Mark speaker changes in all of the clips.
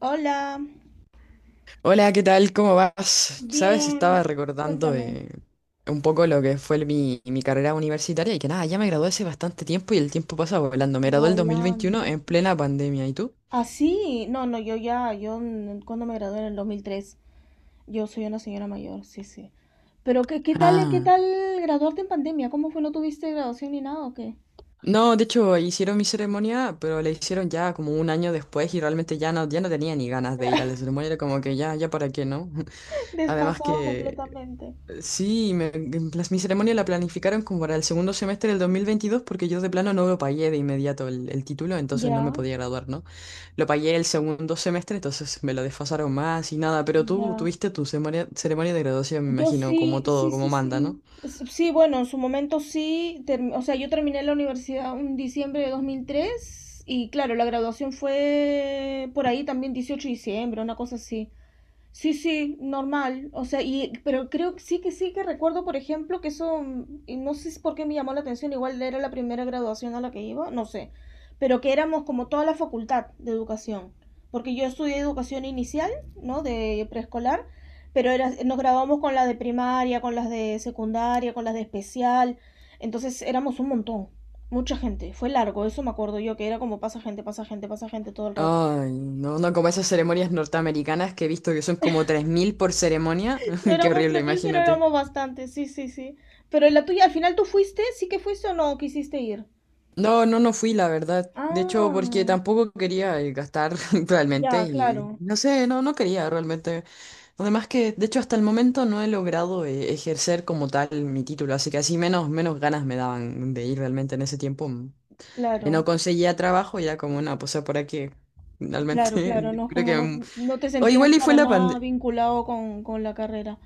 Speaker 1: Hola.
Speaker 2: Hola, ¿qué tal? ¿Cómo vas? Sabes, estaba
Speaker 1: Bien,
Speaker 2: recordando
Speaker 1: cuéntame.
Speaker 2: un poco lo que fue mi carrera universitaria y que nada, ya me gradué hace bastante tiempo y el tiempo pasa volando. Me gradué el dos mil
Speaker 1: Volando.
Speaker 2: veintiuno en plena pandemia. ¿Y tú?
Speaker 1: Así, no, no, yo ya, yo mm, cuando me gradué en el 2003, yo soy una señora mayor, sí, sí. ¿Pero qué, qué tal, qué
Speaker 2: Ah,
Speaker 1: tal graduarte en pandemia? ¿Cómo fue? ¿No tuviste graduación ni nada o qué?
Speaker 2: no, de hecho, hicieron mi ceremonia, pero la hicieron ya como un año después y realmente ya no tenía ni ganas de ir a la ceremonia, era como que ya para qué, ¿no? Además
Speaker 1: Desfasado
Speaker 2: que
Speaker 1: completamente.
Speaker 2: sí, mi ceremonia la planificaron como para el segundo semestre del 2022 porque yo de plano no lo pagué de inmediato el título, entonces no
Speaker 1: Ya,
Speaker 2: me podía graduar, ¿no? Lo pagué el segundo semestre, entonces me lo desfasaron más y nada, pero tú
Speaker 1: ya.
Speaker 2: tuviste tu ceremonia de graduación, me
Speaker 1: Yo
Speaker 2: imagino, como
Speaker 1: sí,
Speaker 2: todo,
Speaker 1: sí,
Speaker 2: como
Speaker 1: sí,
Speaker 2: manda, ¿no?
Speaker 1: sí. Sí, bueno, en su momento sí. O sea, yo terminé la universidad en diciembre de 2003 y claro, la graduación fue por ahí también 18 de diciembre, una cosa así. Sí, sí, normal. O sea, pero creo que sí que recuerdo, por ejemplo, que eso, y no sé si por qué me llamó la atención, igual era la primera graduación a la que iba, no sé, pero que éramos como toda la facultad de educación, porque yo estudié educación inicial, ¿no? De preescolar, nos graduamos con las de primaria, con las de secundaria, con las de especial, entonces éramos un montón, mucha gente, fue largo, eso me acuerdo yo, que era como pasa gente, pasa gente, pasa gente todo el rato.
Speaker 2: Ay, no, no, como esas ceremonias norteamericanas que he visto que son como 3000 por ceremonia.
Speaker 1: No
Speaker 2: Qué
Speaker 1: éramos
Speaker 2: horrible,
Speaker 1: 3000 pero
Speaker 2: imagínate.
Speaker 1: éramos bastantes, sí, sí, sí. Pero la tuya, al final tú fuiste, sí que fuiste o no quisiste ir.
Speaker 2: No, no, no fui, la verdad. De hecho,
Speaker 1: Ah,
Speaker 2: porque tampoco quería gastar realmente
Speaker 1: ya,
Speaker 2: y
Speaker 1: claro,
Speaker 2: no sé, no quería realmente. Además que, de hecho, hasta el momento no he logrado ejercer como tal mi título, así que así menos, menos ganas me daban de ir realmente en ese tiempo. No
Speaker 1: claro,
Speaker 2: conseguía trabajo, ya como, no, pues por aquí,
Speaker 1: claro,
Speaker 2: realmente,
Speaker 1: claro, no,
Speaker 2: creo
Speaker 1: como
Speaker 2: que...
Speaker 1: no, no te
Speaker 2: O
Speaker 1: sentías
Speaker 2: igual y fue
Speaker 1: para
Speaker 2: la
Speaker 1: nada
Speaker 2: pandemia,
Speaker 1: vinculado con la carrera.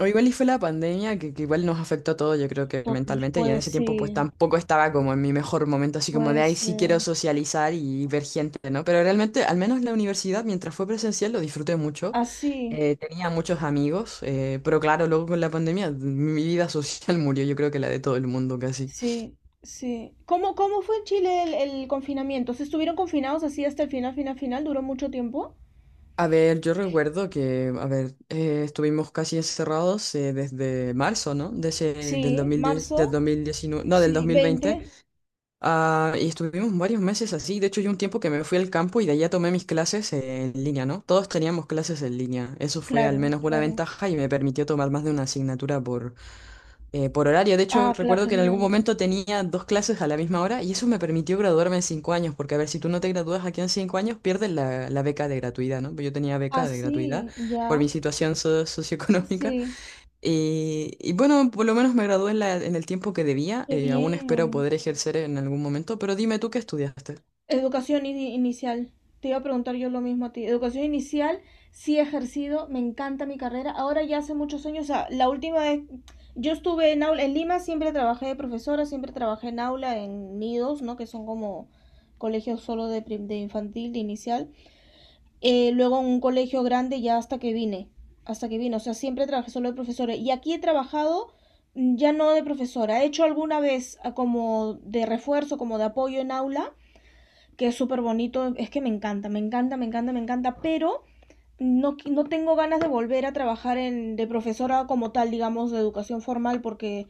Speaker 2: o igual y fue la pandemia que igual nos afectó a todos, yo creo que
Speaker 1: To-
Speaker 2: mentalmente, y en ese
Speaker 1: Pues
Speaker 2: tiempo pues
Speaker 1: sí,
Speaker 2: tampoco estaba como en mi mejor momento, así como de
Speaker 1: puede
Speaker 2: ahí sí quiero
Speaker 1: ser.
Speaker 2: socializar y ver gente, ¿no? Pero realmente, al menos la universidad, mientras fue presencial, lo disfruté mucho.
Speaker 1: Así,
Speaker 2: Tenía muchos amigos, pero claro, luego con la pandemia mi vida social murió, yo creo que la de todo el mundo casi.
Speaker 1: sí, sí. ¿Cómo fue en Chile el confinamiento? ¿Se estuvieron confinados así hasta el final, final, final? ¿Duró mucho tiempo?
Speaker 2: A ver, yo recuerdo que, a ver, estuvimos casi encerrados desde marzo, ¿no? De del
Speaker 1: Sí,
Speaker 2: 2010, del
Speaker 1: marzo,
Speaker 2: 2019, no, del
Speaker 1: sí,
Speaker 2: 2020.
Speaker 1: veinte.
Speaker 2: Ah, y estuvimos varios meses así. De hecho, yo un tiempo que me fui al campo y de allá tomé mis clases en línea, ¿no? Todos teníamos clases en línea. Eso fue al
Speaker 1: Claro,
Speaker 2: menos una
Speaker 1: claro.
Speaker 2: ventaja y me permitió tomar más de una asignatura por horario. De hecho,
Speaker 1: Ah, claro,
Speaker 2: recuerdo que en algún
Speaker 1: genial.
Speaker 2: momento tenía dos clases a la misma hora y eso me permitió graduarme en cinco años, porque a ver, si tú no te gradúas aquí en cinco años, pierdes la beca de gratuidad, ¿no? Yo tenía beca de gratuidad
Speaker 1: Así,
Speaker 2: por
Speaker 1: ya.
Speaker 2: mi situación socioeconómica.
Speaker 1: Sí,
Speaker 2: Y bueno, por lo menos me gradué en en el tiempo que debía.
Speaker 1: qué
Speaker 2: Aún espero
Speaker 1: bien.
Speaker 2: poder ejercer en algún momento, pero dime tú qué estudiaste.
Speaker 1: Educación inicial. Te iba a preguntar yo lo mismo a ti. Educación inicial, sí he ejercido, me encanta mi carrera. Ahora ya hace muchos años, o sea, la última vez, yo estuve en aula, en Lima siempre trabajé de profesora, siempre trabajé en aula, en nidos, ¿no? Que son como colegios solo de infantil, de inicial. Luego en un colegio grande ya hasta que vine, o sea, siempre trabajé solo de profesora y aquí he trabajado, ya no de profesora, he hecho alguna vez como de refuerzo, como de apoyo en aula, que es súper bonito, es que me encanta, me encanta, me encanta, me encanta, pero no, no tengo ganas de volver a trabajar de profesora como tal, digamos, de educación formal, porque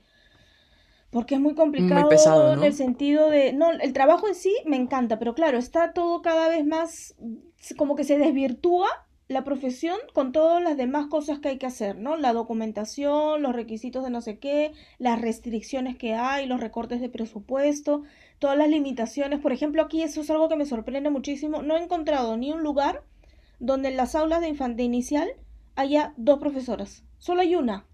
Speaker 1: porque es muy
Speaker 2: Muy pesado,
Speaker 1: complicado en el
Speaker 2: ¿no?
Speaker 1: sentido de, no, el trabajo en sí me encanta, pero claro, está todo cada vez más, como que se desvirtúa la profesión con todas las demás cosas que hay que hacer, ¿no? La documentación, los requisitos de no sé qué, las restricciones que hay, los recortes de presupuesto, todas las limitaciones. Por ejemplo, aquí eso es algo que me sorprende muchísimo. No he encontrado ni un lugar donde en las aulas de infante inicial haya dos profesoras. Solo hay una.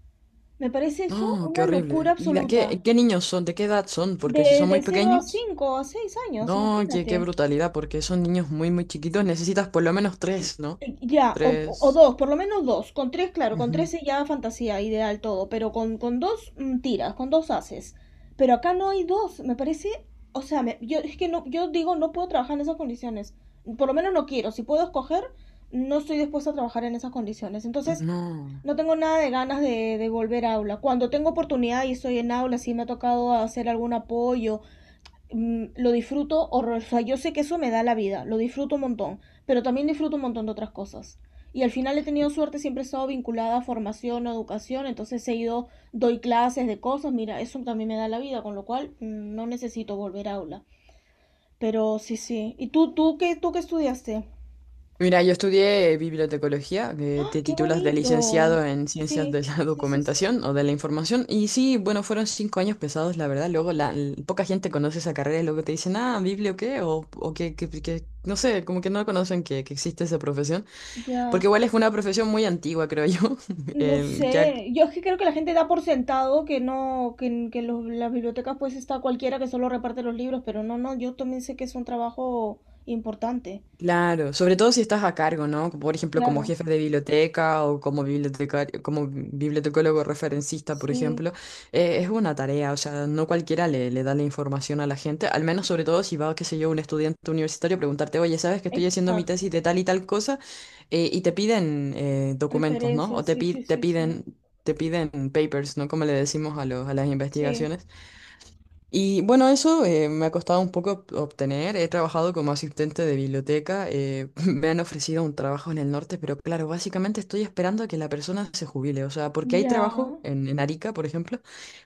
Speaker 1: Me parece eso
Speaker 2: No, qué
Speaker 1: una locura
Speaker 2: horrible. ¿Y de
Speaker 1: absoluta.
Speaker 2: qué, qué niños son? ¿De qué edad son? Porque si
Speaker 1: De,
Speaker 2: son
Speaker 1: de
Speaker 2: muy
Speaker 1: cero a
Speaker 2: pequeños,
Speaker 1: 5 a 6 años,
Speaker 2: no, qué, qué
Speaker 1: imagínate.
Speaker 2: brutalidad, porque son niños muy, muy chiquitos. Necesitas por lo menos tres, ¿no?
Speaker 1: Ya, o
Speaker 2: Tres.
Speaker 1: dos, por lo menos dos. Con tres, claro, con
Speaker 2: Ujú.
Speaker 1: tres es ya fantasía, ideal todo, pero con dos, tiras, con dos haces. Pero acá no hay dos, me parece, o sea, yo es que no, yo digo, no puedo trabajar en esas condiciones. Por lo menos no quiero. Si puedo escoger, no estoy dispuesta a trabajar en esas condiciones. Entonces,
Speaker 2: No.
Speaker 1: no tengo nada de ganas de volver a aula. Cuando tengo oportunidad y estoy en aula, si me ha tocado hacer algún apoyo, lo disfruto horror. O sea, yo sé que eso me da la vida, lo disfruto un montón, pero también disfruto un montón de otras cosas. Y al final he tenido suerte, siempre he estado vinculada a formación, a educación, entonces he ido, doy clases de cosas, mira, eso también me da la vida, con lo cual, no necesito volver a aula. Pero sí, sí. ¿Y tú qué estudiaste?
Speaker 2: Mira, yo estudié bibliotecología, que
Speaker 1: ¡Ah,
Speaker 2: te
Speaker 1: qué
Speaker 2: titulas de
Speaker 1: bonito!
Speaker 2: licenciado en ciencias de
Speaker 1: Sí,
Speaker 2: la
Speaker 1: sí, sí, sí.
Speaker 2: documentación o de la información. Y sí, bueno, fueron cinco años pesados, la verdad. Luego la, poca gente conoce esa carrera y luego te dicen, ah, biblio qué, o que, no sé, como que no conocen que existe esa profesión. Porque
Speaker 1: Ya.
Speaker 2: igual es una profesión muy antigua, creo yo.
Speaker 1: No
Speaker 2: Eh, ya
Speaker 1: sé, yo es que creo que la gente da por sentado que no, las bibliotecas pues está cualquiera que solo reparte los libros, pero no, no, yo también sé que es un trabajo importante.
Speaker 2: Claro, sobre todo si estás a cargo, ¿no? Por ejemplo, como
Speaker 1: Claro,
Speaker 2: jefe de biblioteca o como bibliotecario, como bibliotecólogo referencista, por
Speaker 1: sí,
Speaker 2: ejemplo, es una tarea, o sea, no cualquiera le da la información a la gente, al menos sobre todo si va, qué sé yo, un estudiante universitario a preguntarte, oye, ¿sabes que estoy haciendo mi tesis
Speaker 1: exacto.
Speaker 2: de tal y tal cosa? Y te piden documentos, ¿no? O
Speaker 1: Referencias,
Speaker 2: te,
Speaker 1: sí, sí,
Speaker 2: te
Speaker 1: sí, sí.
Speaker 2: piden... Te piden papers, ¿no? Como le decimos a los, a las
Speaker 1: Sí,
Speaker 2: investigaciones. Y bueno, eso me ha costado un poco obtener. He trabajado como asistente de biblioteca. Me han ofrecido un trabajo en el norte, pero claro, básicamente estoy esperando a que la persona se jubile. O sea, porque hay
Speaker 1: ya,
Speaker 2: trabajo en Arica, por ejemplo,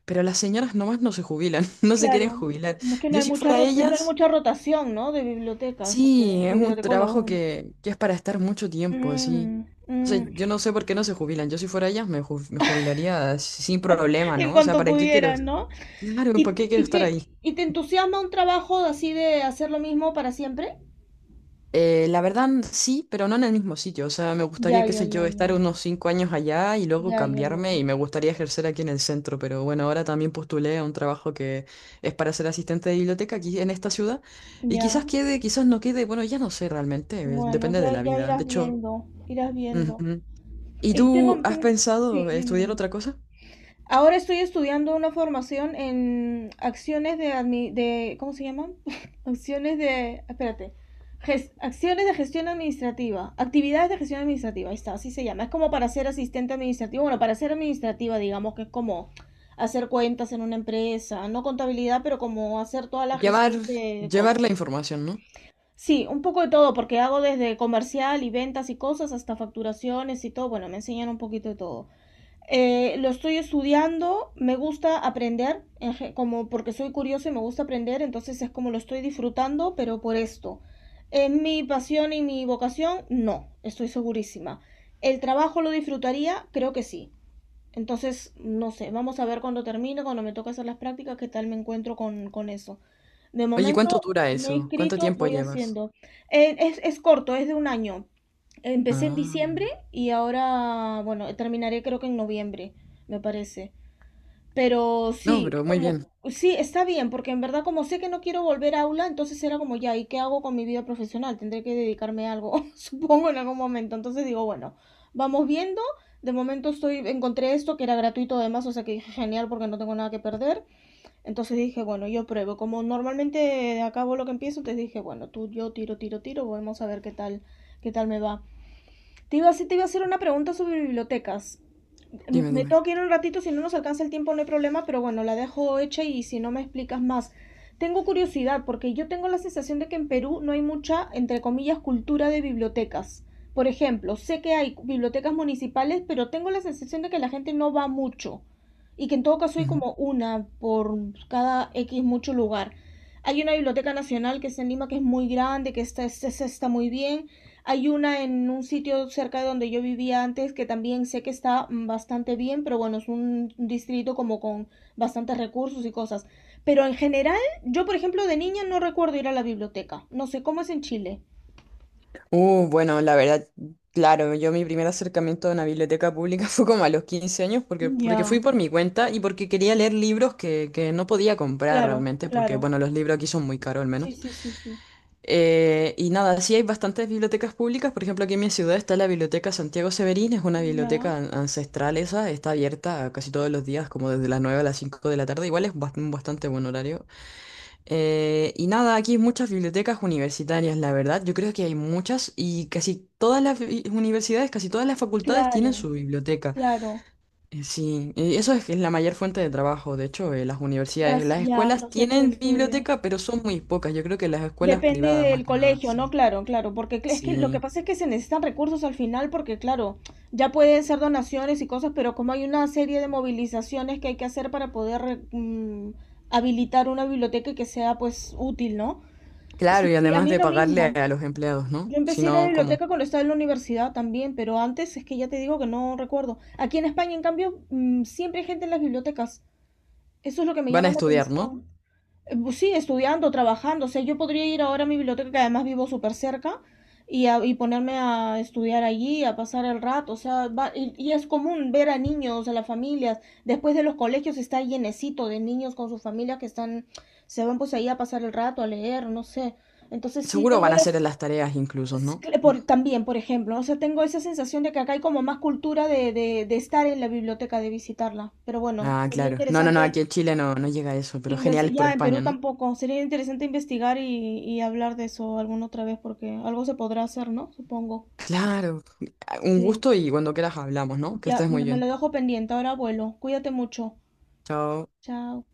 Speaker 2: pero las señoras nomás no se jubilan, no se quieren
Speaker 1: claro.
Speaker 2: jubilar.
Speaker 1: No es que
Speaker 2: Yo si fuera
Speaker 1: no hay
Speaker 2: ellas,
Speaker 1: mucha rotación, ¿no? De bibliotecas,
Speaker 2: sí, es
Speaker 1: de
Speaker 2: un trabajo
Speaker 1: bibliotecólogos, ¿no?
Speaker 2: que es para estar mucho tiempo, así.
Speaker 1: Mm,
Speaker 2: O sea,
Speaker 1: mm.
Speaker 2: yo no sé por qué no se jubilan. Yo si fuera ellas me, me jubilaría sin problema,
Speaker 1: En
Speaker 2: ¿no? O sea,
Speaker 1: cuanto
Speaker 2: ¿para qué quiero?
Speaker 1: pudieran, ¿no?
Speaker 2: Claro, ¿para
Speaker 1: ¿Y,
Speaker 2: qué quiero
Speaker 1: y
Speaker 2: estar
Speaker 1: te,
Speaker 2: ahí?
Speaker 1: y te entusiasma un trabajo así de hacer lo mismo para siempre?
Speaker 2: La verdad sí, pero no en el mismo sitio. O sea, me
Speaker 1: Ya,
Speaker 2: gustaría, qué
Speaker 1: ya,
Speaker 2: sé yo,
Speaker 1: ya, ya.
Speaker 2: estar unos cinco años allá y luego
Speaker 1: Ya, ya,
Speaker 2: cambiarme
Speaker 1: ya.
Speaker 2: y me gustaría ejercer aquí en el centro. Pero bueno, ahora también postulé a un trabajo que es para ser asistente de biblioteca aquí en esta ciudad. Y
Speaker 1: Ya.
Speaker 2: quizás quede, quizás no quede. Bueno, ya no sé realmente.
Speaker 1: Bueno,
Speaker 2: Depende de
Speaker 1: ya,
Speaker 2: la
Speaker 1: ya
Speaker 2: vida. De
Speaker 1: irás
Speaker 2: hecho,
Speaker 1: viendo. Irás viendo.
Speaker 2: ujú. ¿Y
Speaker 1: Y
Speaker 2: tú
Speaker 1: tengo,
Speaker 2: has
Speaker 1: ten- Sí,
Speaker 2: pensado
Speaker 1: dime,
Speaker 2: estudiar
Speaker 1: dime.
Speaker 2: otra cosa?
Speaker 1: Ahora estoy estudiando una formación en acciones de, ¿cómo se llaman? Acciones de, espérate, acciones de gestión administrativa, actividades de gestión administrativa, ahí está, así se llama. Es como para ser asistente administrativo, bueno, para ser administrativa, digamos que es como hacer cuentas en una empresa, no contabilidad, pero como hacer toda la
Speaker 2: Llevar,
Speaker 1: gestión de
Speaker 2: llevar la
Speaker 1: cosas.
Speaker 2: información, ¿no?
Speaker 1: Sí, un poco de todo, porque hago desde comercial y ventas y cosas hasta facturaciones y todo. Bueno, me enseñan un poquito de todo. Lo estoy estudiando, me gusta aprender, como porque soy curiosa y me gusta aprender, entonces es como lo estoy disfrutando, pero por esto. ¿Es mi pasión y mi vocación? No, estoy segurísima. ¿El trabajo lo disfrutaría? Creo que sí. Entonces, no sé, vamos a ver cuando termine, cuando me toque hacer las prácticas, qué tal me encuentro con eso. De
Speaker 2: Oye, ¿cuánto
Speaker 1: momento
Speaker 2: dura
Speaker 1: me he
Speaker 2: eso? ¿Cuánto
Speaker 1: inscrito,
Speaker 2: tiempo
Speaker 1: voy
Speaker 2: llevas?
Speaker 1: haciendo. Es corto, es de un año. Empecé en
Speaker 2: Ah,
Speaker 1: diciembre y ahora, bueno, terminaré creo que en noviembre, me parece. Pero
Speaker 2: no,
Speaker 1: sí,
Speaker 2: pero muy
Speaker 1: como,
Speaker 2: bien.
Speaker 1: sí, está bien, porque en verdad como sé que no quiero volver a aula, entonces era como ya, ¿y qué hago con mi vida profesional? Tendré que dedicarme a algo, supongo, en algún momento. Entonces digo, bueno, vamos viendo. De momento encontré esto que era gratuito además, o sea que dije, genial porque no tengo nada que perder. Entonces dije, bueno, yo pruebo. Como normalmente acabo lo que empiezo, te dije, bueno, yo tiro, tiro, tiro, vamos a ver qué tal me va. Te iba a hacer una pregunta sobre bibliotecas,
Speaker 2: Dime,
Speaker 1: me
Speaker 2: dime.
Speaker 1: tengo que ir un ratito, si no nos alcanza el tiempo no hay problema, pero bueno, la dejo hecha y si no me explicas más. Tengo curiosidad porque yo tengo la sensación de que en Perú no hay mucha, entre comillas, cultura de bibliotecas. Por ejemplo, sé que hay bibliotecas municipales, pero tengo la sensación de que la gente no va mucho y que en todo caso hay como una por cada X mucho lugar. Hay una biblioteca nacional que está en Lima que es muy grande, que está muy bien, hay una en un sitio cerca de donde yo vivía antes que también sé que está bastante bien, pero bueno, es un distrito como con bastantes recursos y cosas. Pero en general, yo por ejemplo de niña no recuerdo ir a la biblioteca. No sé cómo es en Chile.
Speaker 2: Bueno, la verdad, claro, yo mi primer acercamiento a una biblioteca pública fue como a los 15 años porque, porque
Speaker 1: Ya,
Speaker 2: fui por mi cuenta y porque quería leer libros que no podía comprar
Speaker 1: claro,
Speaker 2: realmente, porque
Speaker 1: claro.
Speaker 2: bueno, los libros aquí son muy caros al
Speaker 1: Sí,
Speaker 2: menos.
Speaker 1: sí, sí, sí.
Speaker 2: Y nada, sí hay bastantes bibliotecas públicas, por ejemplo, aquí en mi ciudad está la Biblioteca Santiago Severín, es una
Speaker 1: Ya,
Speaker 2: biblioteca ancestral esa, está abierta casi todos los días, como desde las 9 a las 5 de la tarde, igual es un bastante buen horario, y nada, aquí hay muchas bibliotecas universitarias, la verdad. Yo creo que hay muchas y casi todas las universidades, casi todas las facultades tienen
Speaker 1: claro,
Speaker 2: su biblioteca.
Speaker 1: claro.
Speaker 2: Sí, eso es, que es la mayor fuente de trabajo. De hecho, las universidades, las
Speaker 1: Ya,
Speaker 2: escuelas
Speaker 1: los centros de
Speaker 2: tienen
Speaker 1: estudio.
Speaker 2: biblioteca, pero son muy pocas. Yo creo que las escuelas
Speaker 1: Depende
Speaker 2: privadas, más
Speaker 1: del
Speaker 2: que nada.
Speaker 1: colegio, ¿no?
Speaker 2: Sí.
Speaker 1: Claro, claro, porque es que lo que
Speaker 2: Sí.
Speaker 1: pasa es que se necesitan recursos al final, porque claro, ya pueden ser donaciones y cosas, pero como hay una serie de movilizaciones que hay que hacer para poder, habilitar una biblioteca que sea pues útil, ¿no?
Speaker 2: Claro,
Speaker 1: Sí,
Speaker 2: y
Speaker 1: sí, a
Speaker 2: además
Speaker 1: mí
Speaker 2: de
Speaker 1: lo
Speaker 2: pagarle
Speaker 1: mismo.
Speaker 2: a los empleados, ¿no?
Speaker 1: Yo
Speaker 2: Si
Speaker 1: empecé a ir a la
Speaker 2: no, ¿cómo?
Speaker 1: biblioteca cuando estaba en la universidad también, pero antes es que ya te digo que no recuerdo. Aquí en España, en cambio, siempre hay gente en las bibliotecas. Eso es lo que me
Speaker 2: Van a
Speaker 1: llama la
Speaker 2: estudiar, ¿no?
Speaker 1: atención, pues sí, estudiando, trabajando. O sea, yo podría ir ahora a mi biblioteca, que además vivo súper cerca, y ponerme a estudiar allí, a pasar el rato. O sea, y es común ver a niños, a las familias. Después de los colegios está llenecito de niños con sus familias que están, se van pues ahí a pasar el rato, a leer, no sé. Entonces sí,
Speaker 2: Seguro
Speaker 1: tengo
Speaker 2: van a
Speaker 1: las.
Speaker 2: hacer las tareas incluso, ¿no?
Speaker 1: También, por ejemplo, o sea, tengo esa sensación de que acá hay como más cultura de estar en la biblioteca, de visitarla. Pero bueno,
Speaker 2: Ah,
Speaker 1: sería
Speaker 2: claro. No, no, no,
Speaker 1: interesante.
Speaker 2: aquí en Chile no, no llega a eso, pero genial por
Speaker 1: Ya, en
Speaker 2: España,
Speaker 1: Perú
Speaker 2: ¿no?
Speaker 1: tampoco. Sería interesante investigar y hablar de eso alguna otra vez porque algo se podrá hacer, ¿no? Supongo.
Speaker 2: Claro, un
Speaker 1: Sí.
Speaker 2: gusto y cuando quieras hablamos, ¿no? Que
Speaker 1: Ya,
Speaker 2: estés muy
Speaker 1: me
Speaker 2: bien.
Speaker 1: lo dejo pendiente. Ahora vuelo. Cuídate mucho.
Speaker 2: Chao.
Speaker 1: Chao.